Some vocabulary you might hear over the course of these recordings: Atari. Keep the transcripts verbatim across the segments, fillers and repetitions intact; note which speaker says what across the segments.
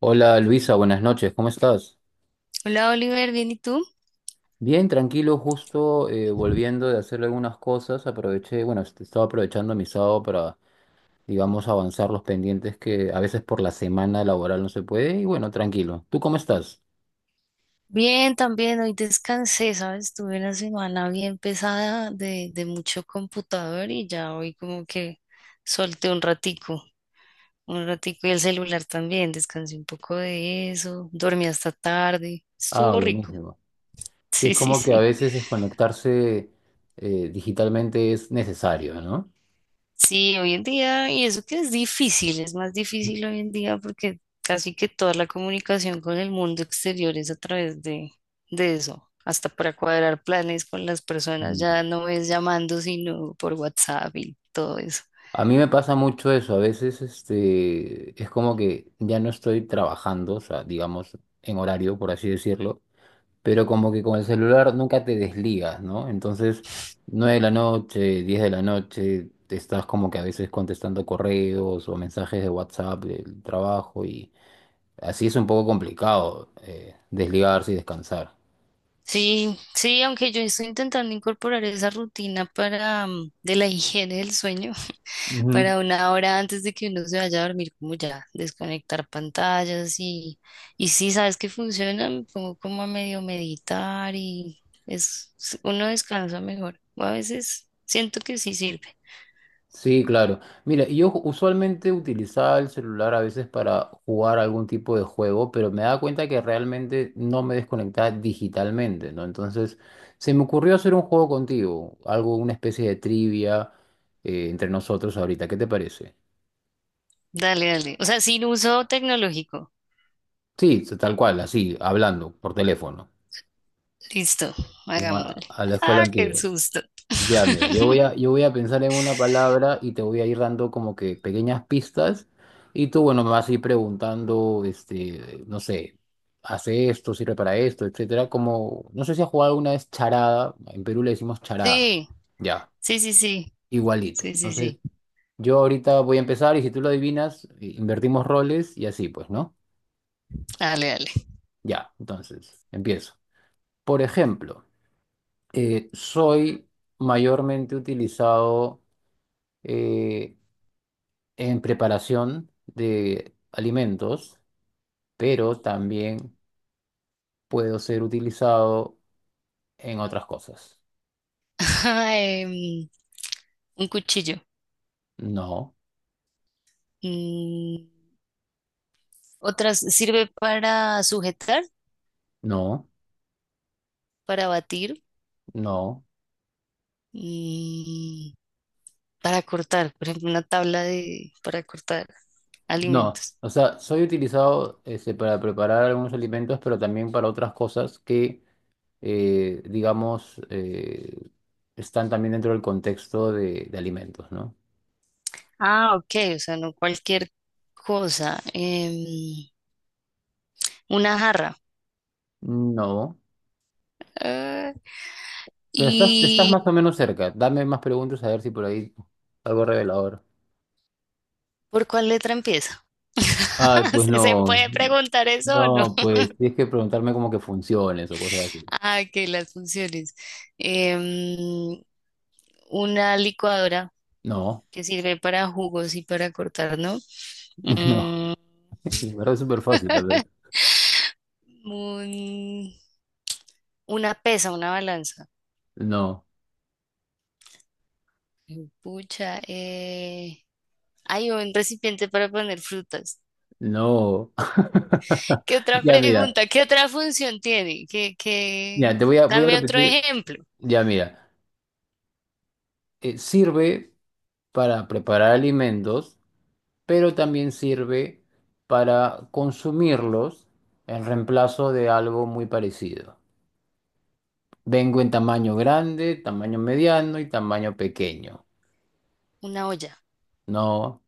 Speaker 1: Hola Luisa, buenas noches, ¿cómo estás?
Speaker 2: Hola Oliver, ¿bien y tú?
Speaker 1: Bien, tranquilo, justo eh, volviendo de hacer algunas cosas, aproveché, bueno, est- estaba aprovechando mi sábado para, digamos, avanzar los pendientes que a veces por la semana laboral no se puede, y bueno, tranquilo. ¿Tú cómo estás?
Speaker 2: Bien, también hoy descansé, ¿sabes? Tuve una semana bien pesada de, de mucho computador, y ya hoy como que solté un ratico, un ratico y el celular también. Descansé un poco de eso, dormí hasta tarde,
Speaker 1: Ah,
Speaker 2: estuvo rico.
Speaker 1: buenísimo. Sí, es
Speaker 2: Sí, sí,
Speaker 1: como que a
Speaker 2: sí.
Speaker 1: veces desconectarse eh, digitalmente es necesario, ¿no?
Speaker 2: Sí, hoy en día, y eso que es difícil, es más difícil hoy en día porque casi que toda la comunicación con el mundo exterior es a través de, de eso. Hasta para cuadrar planes con las personas,
Speaker 1: Mm.
Speaker 2: ya no es llamando, sino por WhatsApp y todo eso.
Speaker 1: A mí me pasa mucho eso, a veces este, es como que ya no estoy trabajando, o sea, digamos, en horario, por así decirlo, pero como que con el celular nunca te desligas, ¿no? Entonces, nueve de la noche, diez de la noche, te estás como que a veces contestando correos o mensajes de WhatsApp del trabajo y así es un poco complicado eh, desligarse y descansar.
Speaker 2: Sí, sí, aunque yo estoy intentando incorporar esa rutina para mm, de la higiene del sueño,
Speaker 1: Ujú.
Speaker 2: para una hora antes de que uno se vaya a dormir, como ya, desconectar pantallas, y, y sí, sabes que funciona. Me pongo como a medio meditar y es, uno descansa mejor. O a veces siento que sí sirve.
Speaker 1: Sí, claro. Mira, yo ju- usualmente utilizaba el celular a veces para jugar algún tipo de juego, pero me daba cuenta que realmente no me desconectaba digitalmente, ¿no? Entonces, se me ocurrió hacer un juego contigo, algo, una especie de trivia eh, entre nosotros ahorita. ¿Qué te parece?
Speaker 2: Dale, dale. O sea, sin uso tecnológico.
Speaker 1: Sí, tal cual, así, hablando por teléfono,
Speaker 2: Listo,
Speaker 1: ¿no?
Speaker 2: hagámosle.
Speaker 1: a a la escuela
Speaker 2: Ah, qué
Speaker 1: antigua.
Speaker 2: susto.
Speaker 1: Ya, mira, yo voy a, yo voy a pensar en una palabra y te voy a ir dando como que pequeñas pistas y tú, bueno, me vas a ir preguntando, este, no sé, hace esto, sirve para esto, etcétera, como, no sé si has jugado alguna vez charada, en Perú le decimos charada,
Speaker 2: Sí,
Speaker 1: ya,
Speaker 2: sí, sí, sí,
Speaker 1: igualito.
Speaker 2: sí, sí,
Speaker 1: Entonces,
Speaker 2: sí.
Speaker 1: yo ahorita voy a empezar y si tú lo adivinas, i- invertimos roles y así, pues, ¿no?
Speaker 2: Dale, dale.
Speaker 1: Ya, entonces, empiezo. Por ejemplo, eh, soy mayormente utilizado... eh, en preparación de alimentos, pero también puedo ser utilizado en otras cosas.
Speaker 2: Em, un cuchillo.
Speaker 1: No,
Speaker 2: Mm, otras sirve para sujetar,
Speaker 1: no,
Speaker 2: para batir
Speaker 1: no,
Speaker 2: y para cortar, por ejemplo, una tabla de, para cortar
Speaker 1: no.
Speaker 2: alimentos.
Speaker 1: O sea, soy utilizado este, para preparar algunos alimentos, pero también para otras cosas que, eh, digamos, eh, están también dentro del contexto de, de alimentos, ¿no?
Speaker 2: Ah, ok, o sea, no cualquier cosa. Em, una jarra.
Speaker 1: No.
Speaker 2: Ah,
Speaker 1: Pero estás, estás
Speaker 2: ¿y
Speaker 1: más o menos cerca. Dame más preguntas a ver si por ahí algo revelador.
Speaker 2: por cuál letra empieza?
Speaker 1: Ay, pues
Speaker 2: ¿Se se
Speaker 1: no.
Speaker 2: puede preguntar eso o no?
Speaker 1: No, pues tienes que preguntarme cómo que funciones o cosas así.
Speaker 2: Ah, que las funciones. Em, una licuadora
Speaker 1: No,
Speaker 2: que sirve para jugos y para cortar, ¿no?
Speaker 1: no,
Speaker 2: Mm,
Speaker 1: en verdad es súper fácil, la verdad.
Speaker 2: un- una pesa, una balanza.
Speaker 1: No,
Speaker 2: Pucha, eh, hay un recipiente para poner frutas.
Speaker 1: no.
Speaker 2: ¿Qué otra
Speaker 1: Ya mira,
Speaker 2: pregunta? ¿Qué otra función tiene? ¿Qué,
Speaker 1: ya
Speaker 2: qué?
Speaker 1: te voy a, voy a
Speaker 2: Dame otro
Speaker 1: repetir.
Speaker 2: ejemplo.
Speaker 1: Ya mira, eh, sirve para preparar alimentos, pero también sirve para consumirlos en reemplazo de algo muy parecido. Vengo en tamaño grande, tamaño mediano y tamaño pequeño.
Speaker 2: Una olla,
Speaker 1: No,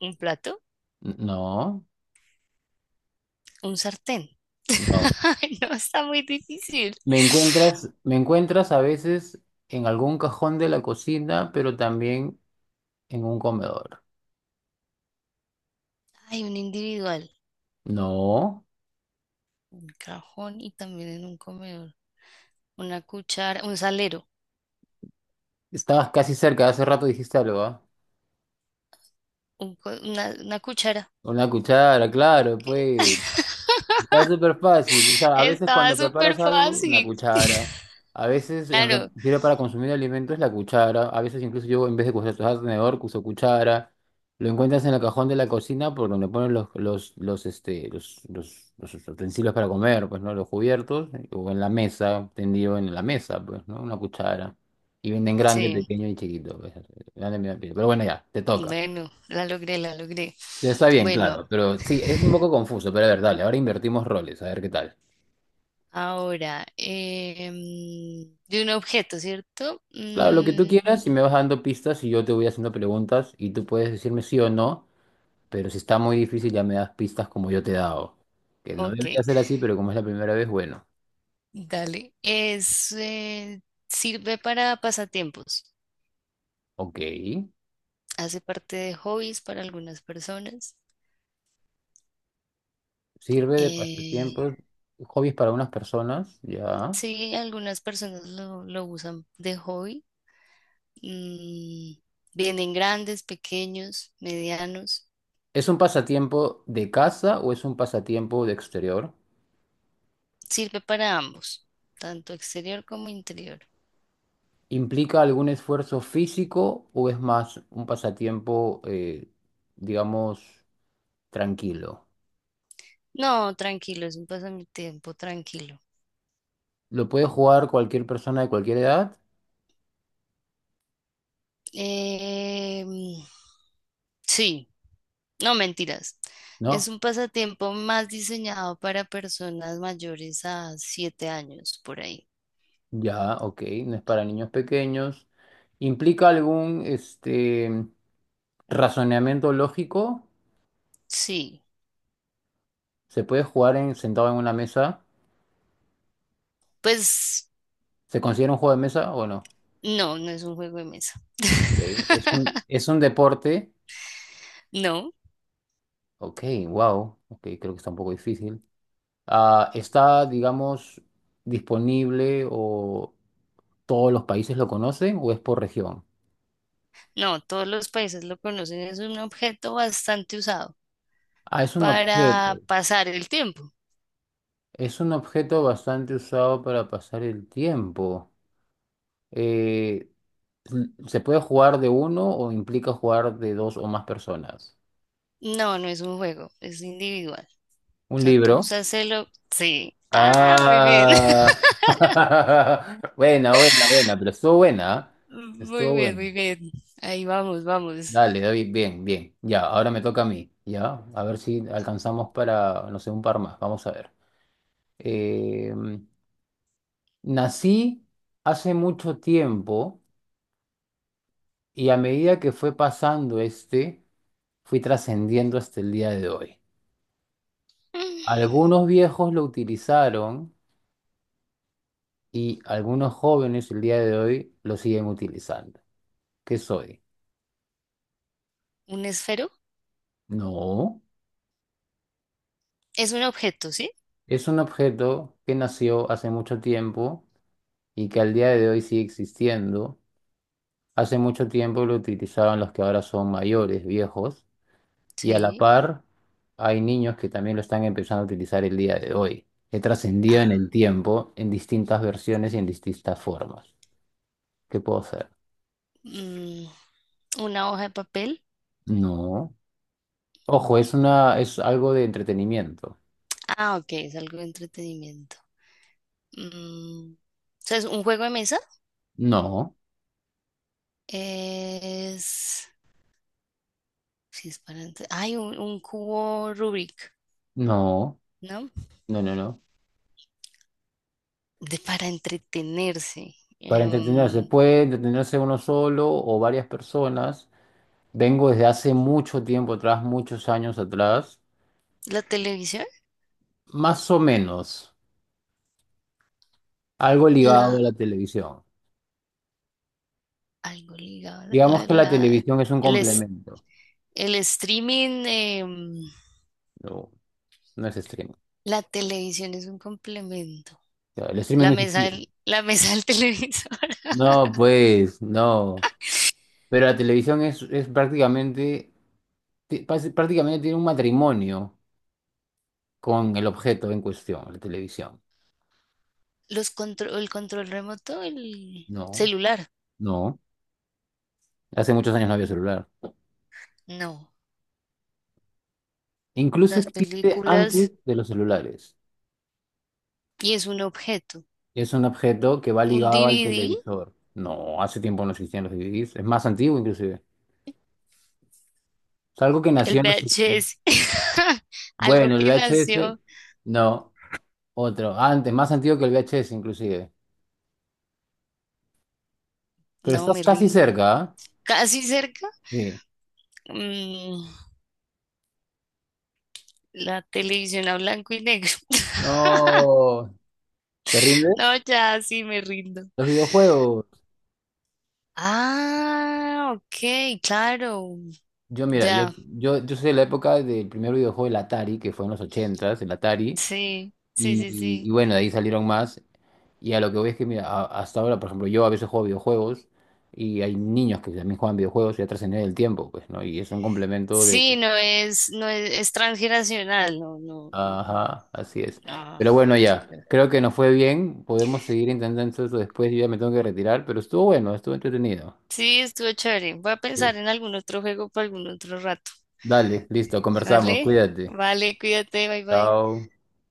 Speaker 2: un plato,
Speaker 1: n- no,
Speaker 2: un sartén.
Speaker 1: no.
Speaker 2: Ay, no, está muy difícil.
Speaker 1: Me encuentras, me encuentras a veces en algún cajón de la cocina, pero también en un comedor.
Speaker 2: Hay un individual,
Speaker 1: No,
Speaker 2: un cajón y también en un comedor. Una cuchara, un salero,
Speaker 1: estabas casi cerca, hace rato dijiste algo, ¿ah?
Speaker 2: un co- una, una cuchara.
Speaker 1: Una cuchara, claro, pues. Está súper fácil. O sea, a veces
Speaker 2: Estaba
Speaker 1: cuando
Speaker 2: súper
Speaker 1: preparas algo, la
Speaker 2: fácil.
Speaker 1: cuchara. A veces en re-
Speaker 2: Claro,
Speaker 1: sirve para consumir alimentos la cuchara. A veces incluso yo en vez de usar tenedor, uso cuchara. Lo encuentras en el cajón de la cocina por donde ponen los, los, los, este, los, los, los utensilios para comer, pues, ¿no? Los cubiertos. eh, O en la mesa, tendido en la mesa, pues, ¿no? Una cuchara. Y venden grande,
Speaker 2: sí.
Speaker 1: pequeño y chiquito, pues, grande, medio, pequeño. Pero bueno, ya, te toca.
Speaker 2: Bueno, la logré, la logré.
Speaker 1: Está bien, claro.
Speaker 2: Bueno,
Speaker 1: Pero sí, es un poco confuso. Pero a ver, dale, ahora invertimos roles, a ver qué tal.
Speaker 2: ahora, em, de un objeto, ¿cierto?
Speaker 1: Claro, lo que tú
Speaker 2: Mm,
Speaker 1: quieras y me vas dando pistas y yo te voy haciendo preguntas y tú puedes decirme sí o no, pero si está muy difícil ya me das pistas como yo te he dado. Que no
Speaker 2: ok,
Speaker 1: debería ser así, pero como es la primera vez, bueno,
Speaker 2: dale. Es, eh, sirve para pasatiempos.
Speaker 1: ok.
Speaker 2: Hace parte de hobbies para algunas personas.
Speaker 1: Sirve de
Speaker 2: Eh,
Speaker 1: pasatiempos, hobbies para unas personas, ya.
Speaker 2: sí, algunas personas lo, lo usan de hobby. Mm, vienen grandes, pequeños, medianos.
Speaker 1: ¿Es un pasatiempo de casa o es un pasatiempo de exterior?
Speaker 2: Sirve para ambos, tanto exterior como interior.
Speaker 1: ¿Implica algún esfuerzo físico o es más un pasatiempo, eh, digamos, tranquilo?
Speaker 2: No, tranquilo, es un pasatiempo tranquilo.
Speaker 1: ¿Lo puede jugar cualquier persona de cualquier edad?
Speaker 2: Eh, sí, no mentiras. Es
Speaker 1: ¿No?
Speaker 2: un pasatiempo más diseñado para personas mayores a siete años, por ahí.
Speaker 1: Ya, ok, no es para niños pequeños. ¿Implica algún este razonamiento lógico?
Speaker 2: Sí,
Speaker 1: ¿Se puede jugar en, sentado en una mesa?
Speaker 2: pues
Speaker 1: ¿Se considera un juego de mesa o no?
Speaker 2: no, no es un juego de mesa.
Speaker 1: Ok, ¿es un, es un deporte?
Speaker 2: No,
Speaker 1: Ok, wow. Ok, creo que está un poco difícil. Ah, ¿está, digamos, disponible o todos los países lo conocen o es por región?
Speaker 2: no, todos los países lo conocen, es un objeto bastante usado
Speaker 1: Ah, es un objeto.
Speaker 2: para pasar el tiempo.
Speaker 1: Es un objeto bastante usado para pasar el tiempo. Eh, mm, ¿Se puede jugar de uno o implica jugar de dos o más personas?
Speaker 2: No, no es un juego, es individual. O
Speaker 1: ¿Un
Speaker 2: sea, tú
Speaker 1: libro?
Speaker 2: usas el... o- sí. Ah, muy bien.
Speaker 1: Ah. Buena, buena, buena, pero estuvo buena, ¿ah?
Speaker 2: Muy
Speaker 1: Estuvo
Speaker 2: bien,
Speaker 1: buena.
Speaker 2: muy bien. Ahí vamos, vamos.
Speaker 1: Dale, David, bien, bien. Ya, ahora me toca a mí. Ya, a ver si alcanzamos para, no sé, un par más. Vamos a ver. Eh, nací hace mucho tiempo y a medida que fue pasando este, fui trascendiendo hasta el día de hoy. Algunos viejos lo utilizaron y algunos jóvenes el día de hoy lo siguen utilizando. ¿Qué soy?
Speaker 2: ¿Un esfero?
Speaker 1: No,
Speaker 2: Es un objeto, ¿sí?
Speaker 1: es un objeto que nació hace mucho tiempo y que al día de hoy sigue existiendo. Hace mucho tiempo lo utilizaban los que ahora son mayores, viejos, y a la
Speaker 2: Sí.
Speaker 1: par hay niños que también lo están empezando a utilizar el día de hoy. He trascendido en
Speaker 2: Ah,
Speaker 1: el tiempo en distintas versiones y en distintas formas. ¿Qué puedo hacer?
Speaker 2: mm, ¿una hoja de papel?
Speaker 1: No. Ojo, es una, es algo de entretenimiento.
Speaker 2: Ah, ok, es algo de entretenimiento. Mm, o sea, es, ¿un juego de mesa?
Speaker 1: No,
Speaker 2: Es... Sí, es para... entre- ay, un, un cubo Rubik,
Speaker 1: no.
Speaker 2: ¿no?
Speaker 1: No, no, no.
Speaker 2: De para entretenerse.
Speaker 1: Para
Speaker 2: Em,
Speaker 1: entretenerse, puede entretenerse uno solo o varias personas. Vengo desde hace mucho tiempo atrás, muchos años atrás,
Speaker 2: ¿la televisión?
Speaker 1: más o menos, algo ligado a la
Speaker 2: La...
Speaker 1: televisión.
Speaker 2: Algo ligado.
Speaker 1: Digamos
Speaker 2: La,
Speaker 1: que la
Speaker 2: la-
Speaker 1: televisión es un
Speaker 2: el, es-
Speaker 1: complemento,
Speaker 2: el streaming... em,
Speaker 1: no, no es streaming.
Speaker 2: la televisión es un complemento.
Speaker 1: O sea, el streaming
Speaker 2: La
Speaker 1: no
Speaker 2: mesa
Speaker 1: existía.
Speaker 2: del, la mesa del televisor.
Speaker 1: No, pues, no. Pero la televisión es, es prácticamente, ti- pas- prácticamente tiene un matrimonio con el objeto en cuestión, la televisión.
Speaker 2: Los contro- el control remoto, el
Speaker 1: No,
Speaker 2: celular.
Speaker 1: no. Hace muchos años no había celular.
Speaker 2: No,
Speaker 1: Incluso
Speaker 2: las
Speaker 1: existe antes
Speaker 2: películas,
Speaker 1: de los celulares.
Speaker 2: y es un objeto.
Speaker 1: Es un objeto que va
Speaker 2: Un
Speaker 1: ligado al
Speaker 2: D V D,
Speaker 1: televisor. No, hace tiempo no existían los D V Ds. Es más antiguo inclusive. Es algo que
Speaker 2: el
Speaker 1: nació en los...
Speaker 2: V H S. Algo
Speaker 1: Bueno, el
Speaker 2: que
Speaker 1: V H S,
Speaker 2: nació.
Speaker 1: no, otro. Antes, más antiguo que el V H S inclusive. Pero
Speaker 2: No,
Speaker 1: estás
Speaker 2: me
Speaker 1: casi
Speaker 2: rindo.
Speaker 1: cerca, ¿ah?
Speaker 2: Casi cerca.
Speaker 1: Sí.
Speaker 2: mm, la televisión a blanco y negro.
Speaker 1: No, ¿te rindes?
Speaker 2: No, ya sí me rindo.
Speaker 1: Los videojuegos.
Speaker 2: Ah, ok, claro.
Speaker 1: Yo mira, yo,
Speaker 2: Ya.
Speaker 1: yo, yo soy de la época del primer videojuego, el Atari, que fue en los ochentas, el Atari.
Speaker 2: Sí, sí, sí,
Speaker 1: Y, y
Speaker 2: sí.
Speaker 1: bueno, de ahí salieron más. Y a lo que voy es que, mira, a- hasta ahora, por ejemplo, yo a veces juego videojuegos y hay niños que también juegan videojuegos y ya trascendí el tiempo, pues, ¿no? Y es un complemento de...
Speaker 2: Sí, no es, no es, es transgeneracional, no, no,
Speaker 1: Ajá, así es.
Speaker 2: no,
Speaker 1: Pero bueno, ya,
Speaker 2: súper.
Speaker 1: creo que nos fue bien. Podemos seguir intentando eso después. Yo ya me tengo que retirar, pero estuvo bueno, estuvo entretenido.
Speaker 2: Sí, estuvo chévere. Voy a
Speaker 1: Sí.
Speaker 2: pensar en algún otro juego para algún otro rato.
Speaker 1: Dale, listo, conversamos.
Speaker 2: ¿Vale?
Speaker 1: Cuídate.
Speaker 2: Vale, cuídate, bye bye.
Speaker 1: Chao.